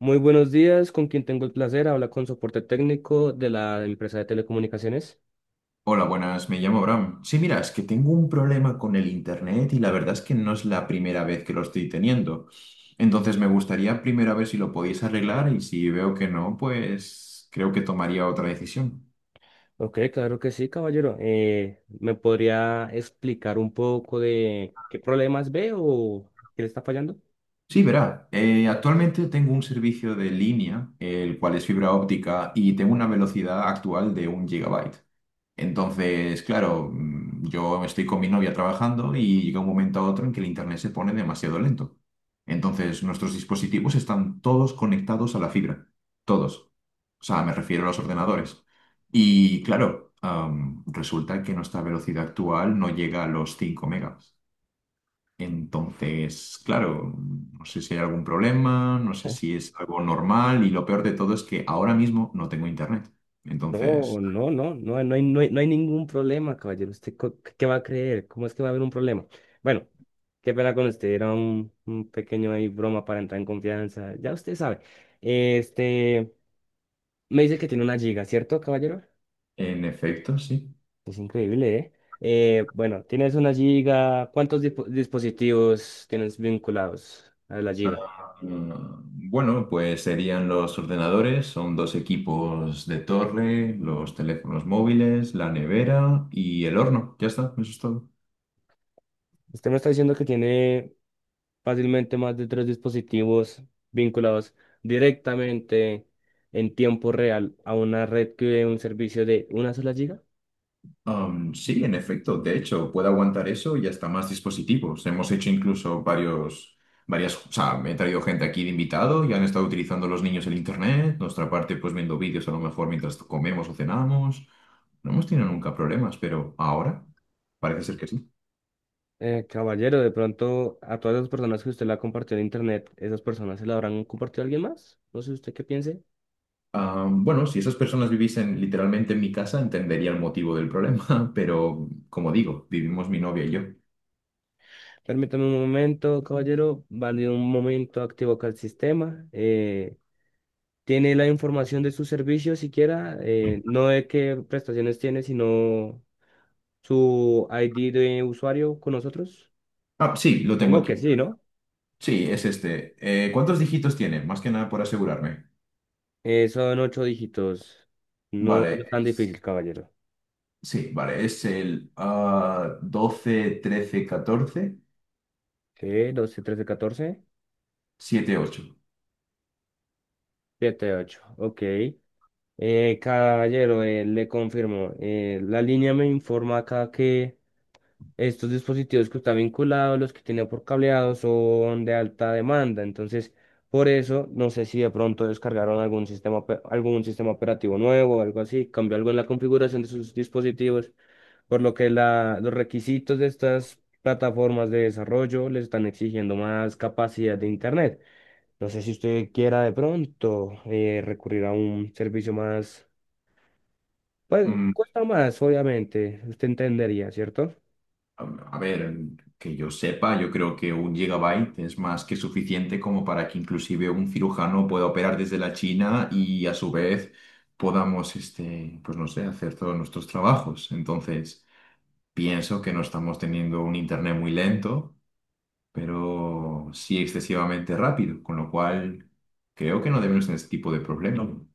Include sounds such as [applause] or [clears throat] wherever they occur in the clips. Muy buenos días, con quien tengo el placer, habla con soporte técnico de la empresa de telecomunicaciones. Hola, buenas, me llamo Bram. Sí, mira, es que tengo un problema con el internet y la verdad es que no es la primera vez que lo estoy teniendo. Entonces me gustaría primero ver si lo podéis arreglar y si veo que no, pues creo que tomaría otra decisión. Ok, claro que sí, caballero. ¿Me podría explicar un poco de qué problemas ve o qué le está fallando? Sí, verá, actualmente tengo un servicio de línea, el cual es fibra óptica y tengo una velocidad actual de un gigabyte. Entonces, claro, yo estoy con mi novia trabajando y llega un momento a otro en que el internet se pone demasiado lento. Entonces, nuestros dispositivos están todos conectados a la fibra, todos. O sea, me refiero a los ordenadores. Y claro, resulta que nuestra velocidad actual no llega a los 5 megas. Entonces, claro, no sé si hay algún problema, no sé Eh, si es algo normal y lo peor de todo es que ahora mismo no tengo internet. No, Entonces, no, no, no, no hay, no hay, no hay ningún problema, caballero. ¿Usted qué va a creer? ¿Cómo es que va a haber un problema? Bueno, qué pena con usted, era un pequeño ahí broma para entrar en confianza. Ya usted sabe. Este, me dice que tiene una giga, ¿cierto, caballero? en efecto, sí. Es increíble, ¿eh? Bueno, tienes una giga. ¿Cuántos dispositivos tienes vinculados a la giga? Ah, bueno, pues serían los ordenadores, son dos equipos de torre, los teléfonos móviles, la nevera y el horno. Ya está, eso es todo. Usted me está diciendo que tiene fácilmente más de tres dispositivos vinculados directamente en tiempo real a una red que dé un servicio de una sola giga. Sí, en efecto, de hecho, puede aguantar eso y hasta más dispositivos. Hemos hecho incluso varias, o sea, me he traído gente aquí de invitado y han estado utilizando los niños el internet, nuestra parte pues viendo vídeos a lo mejor mientras comemos o cenamos. No hemos tenido nunca problemas, pero ahora parece ser que sí. Caballero, de pronto a todas las personas que usted la compartió en internet, ¿esas personas se la habrán compartido a alguien más? No sé usted qué piense. Ah, bueno, si esas personas viviesen literalmente en mi casa, entendería el motivo del problema, [laughs] pero como digo, vivimos mi novia y yo. Permítame un momento, caballero. Vale, un momento, activo acá el sistema. ¿Tiene la información de su servicio siquiera, no de qué prestaciones tiene, sino su ID de usuario con nosotros? Ah, sí, lo tengo Supongo aquí. que sí, ¿no? Sí, es este. ¿Cuántos dígitos tiene? Más que nada por asegurarme. Son 8 dígitos. No, Vale, no es tan difícil, caballero. sí, vale, es el 12, 13, 14, Sí, doce trece catorce 7, 8. siete ocho Ok. Caballero, le confirmo. La línea me informa acá que Estos dispositivos que están vinculados, los que tienen por cableado, son de alta demanda. Entonces, por eso, no sé si de pronto descargaron algún sistema, algún sistema operativo nuevo o algo así, cambió algo en la configuración de sus dispositivos, por lo que los requisitos de estas plataformas de desarrollo les están exigiendo más capacidad de internet. No sé si usted quiera de pronto recurrir a un servicio más, pues cuesta más, obviamente, usted entendería, ¿cierto? A ver, que yo sepa, yo creo que un gigabyte es más que suficiente como para que inclusive un cirujano pueda operar desde la China y a su vez podamos, este, pues no sé, hacer todos nuestros trabajos. Entonces, pienso que no estamos teniendo un internet muy lento, pero sí excesivamente rápido, con lo cual creo que no debemos tener este tipo de problemas. No.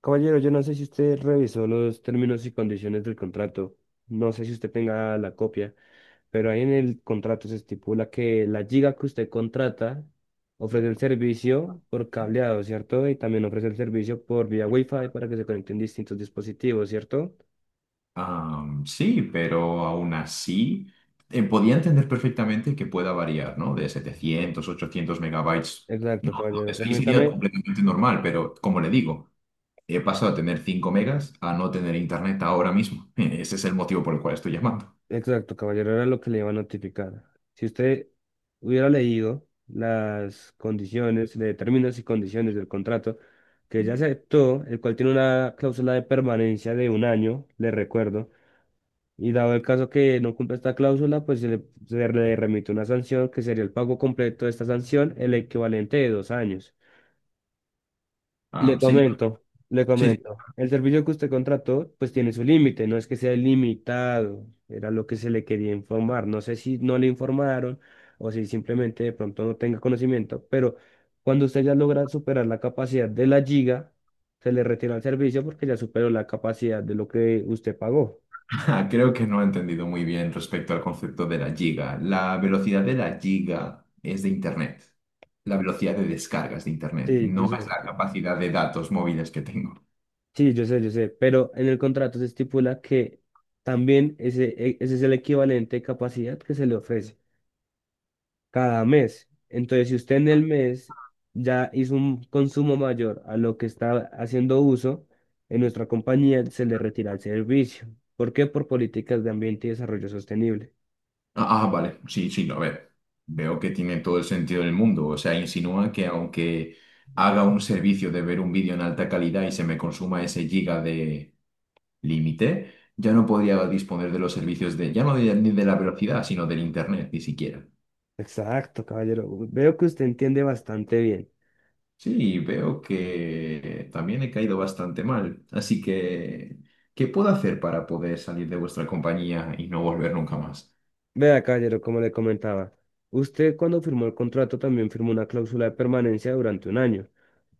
Caballero, yo no sé si usted revisó los términos y condiciones del contrato. No sé si usted tenga la copia, pero ahí en el contrato se estipula que la giga que usted contrata ofrece el servicio por cableado, ¿cierto? Y también ofrece el servicio por vía Wi-Fi para que se conecten distintos dispositivos, ¿cierto? Sí, pero aún así podía entender perfectamente que pueda variar, ¿no? De 700-800 megabytes. Exacto, caballero. Entonces, ahí sería Permítame, completamente normal, pero como le digo, he pasado a tener 5 megas a no tener internet ahora mismo. [laughs] Ese es el motivo por el cual estoy llamando. exacto, caballero, era lo que le iba a notificar. Si usted hubiera leído las condiciones, de términos y condiciones del contrato que ya aceptó, el cual tiene una cláusula de permanencia de 1 año, le recuerdo, y dado el caso que no cumpla esta cláusula, pues se le remite una sanción que sería el pago completo de esta sanción, el equivalente de 2 años. Le Sí, comento, le sí, comento. El servicio que usted contrató, pues tiene su límite, no es que sea limitado, era lo que se le quería informar. No sé si no le informaron o si simplemente de pronto no tenga conocimiento, pero cuando usted ya logra superar la capacidad de la giga, se le retira el servicio porque ya superó la capacidad de lo que usted pagó. [laughs] creo que no he entendido muy bien respecto al concepto de la giga. La velocidad de la giga es de internet. La velocidad de descargas de internet, Sí, yo no es la sé, capacidad de datos móviles que tengo. sí, yo sé, pero en el contrato se estipula que también ese es el equivalente de capacidad que se le ofrece cada mes. Entonces, si usted en el mes ya hizo un consumo mayor a lo que está haciendo uso, en nuestra compañía se le retira el servicio. ¿Por qué? Por políticas de ambiente y desarrollo sostenible. Ah, ah, vale, sí, sí, no, a ver, veo que tiene todo el sentido del mundo. O sea, insinúa que aunque haga un servicio de ver un vídeo en alta calidad y se me consuma ese giga de límite, ya no podría disponer de los servicios de, ya no de, ni de la velocidad, sino del internet, ni siquiera. Exacto, caballero. Veo que usted entiende bastante bien. Sí, veo que también he caído bastante mal. Así que, ¿qué puedo hacer para poder salir de vuestra compañía y no volver nunca más? Vea, caballero, como le comentaba, usted cuando firmó el contrato también firmó una cláusula de permanencia durante 1 año.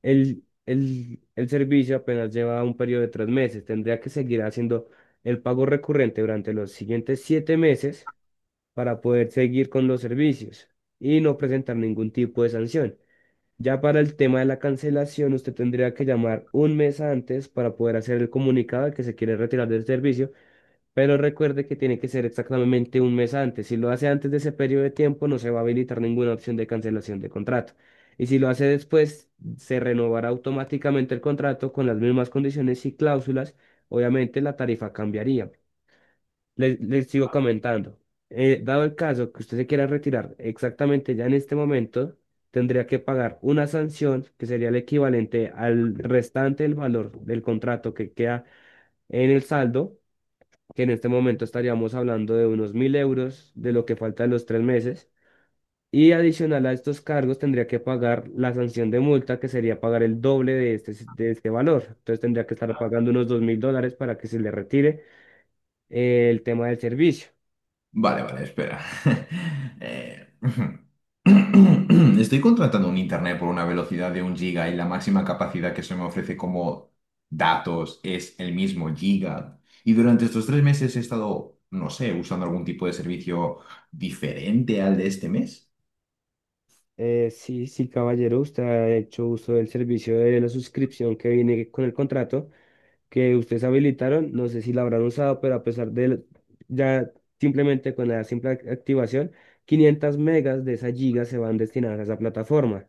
El servicio apenas lleva un periodo de 3 meses. Tendría que seguir haciendo el pago recurrente durante los siguientes 7 meses para poder seguir con los servicios y no presentar ningún tipo de sanción. Ya para el tema de la cancelación, usted tendría que llamar 1 mes antes para poder hacer el comunicado de que se quiere retirar del servicio, pero recuerde que tiene que ser exactamente 1 mes antes. Si lo hace antes de ese periodo de tiempo, no se va a habilitar ninguna opción de cancelación de contrato. Y si lo hace después, se renovará automáticamente el contrato con las mismas condiciones y cláusulas. Obviamente la tarifa cambiaría. Les sigo comentando. Dado el caso que usted se quiera retirar exactamente ya en este momento, tendría que pagar una sanción que sería el equivalente al restante del valor del contrato que queda en el saldo, que en este momento estaríamos hablando de unos 1.000 € de lo que falta de los 3 meses. Y adicional a estos cargos tendría que pagar la sanción de multa, que sería pagar el doble de este valor. Entonces tendría que estar pagando unos $2.000 para que se le retire el tema del servicio. Vale, vale, espera. [laughs] Eh, [clears throat] Estoy contratando un internet por una velocidad de un giga y la máxima capacidad que se me ofrece como datos es el mismo giga. Y durante estos 3 meses he estado, no sé, usando algún tipo de servicio diferente al de este mes. Sí, sí, caballero, usted ha hecho uso del servicio de la suscripción que viene con el contrato que ustedes habilitaron, no sé si la habrán usado, pero a pesar de ya, simplemente con la simple activación, 500 megas de esas gigas se van destinadas a esa plataforma.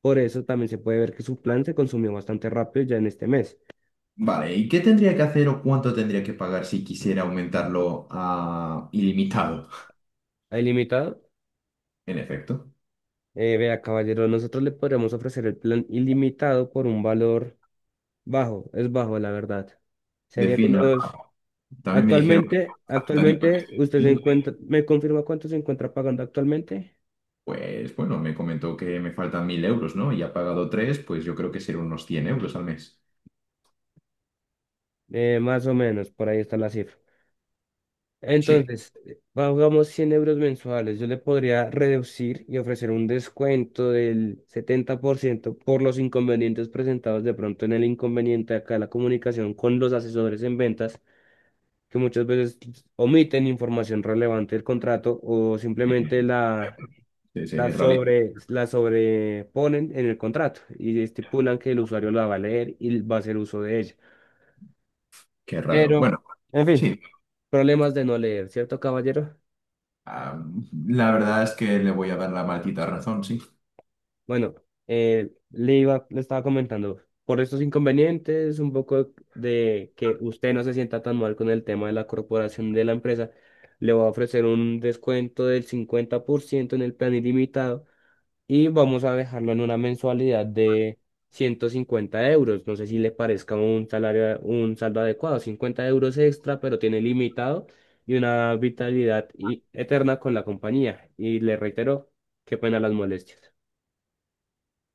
Por eso también se puede ver que su plan se consumió bastante rápido ya en este mes. Vale, ¿y qué tendría que hacer o cuánto tendría que pagar si quisiera aumentarlo a ilimitado? ¿A ilimitado? En efecto, Vea, caballero, nosotros le podríamos ofrecer el plan ilimitado por un valor bajo, es bajo, la verdad. Serían defina. unos... También me dijeron que Actualmente, la tarifa que actualmente, usted estoy... se encuentra, ¿me confirma cuánto se encuentra pagando actualmente? Pues bueno, me comentó que me faltan 1.000 euros, ¿no? Y ha pagado tres, pues yo creo que serán unos 100 euros al mes. Más o menos, por ahí está la cifra. Sí. Entonces, pagamos 100 € mensuales. Yo le podría reducir y ofrecer un descuento del 70% por los inconvenientes presentados de pronto en el inconveniente acá de la comunicación con los asesores en ventas, que muchas veces omiten información relevante del contrato o simplemente Sí, sí, en realidad, la sobreponen en el contrato y estipulan que el usuario la va a leer y va a hacer uso de ella. qué raro. Pero, Bueno, en fin, sí, problemas de no leer, ¿cierto, caballero? ah, la verdad es que le voy a dar la maldita razón, sí. Bueno, le estaba comentando, por estos inconvenientes, un poco de que usted no se sienta tan mal con el tema de la corporación de la empresa, le voy a ofrecer un descuento del 50% en el plan ilimitado y vamos a dejarlo en una mensualidad de 150 euros. No sé si le parezca un salario, un saldo adecuado, 50 € extra, pero tiene limitado y una vitalidad eterna con la compañía. Y le reitero, qué pena las molestias.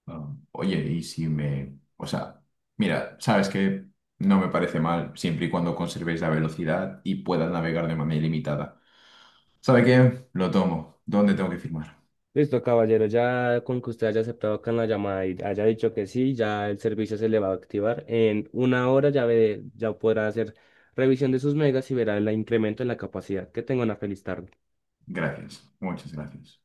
Ah, oye, y si me... O sea, mira, sabes que no me parece mal siempre y cuando conservéis la velocidad y puedas navegar de manera ilimitada. ¿Sabe qué? Lo tomo. ¿Dónde tengo que firmar? Listo, caballero, ya con que usted haya aceptado acá en la llamada y haya dicho que sí, ya el servicio se le va a activar. En 1 hora ya ve, ya podrá hacer revisión de sus megas y verá el incremento en la capacidad. Que tenga una feliz tarde. Gracias, muchas gracias.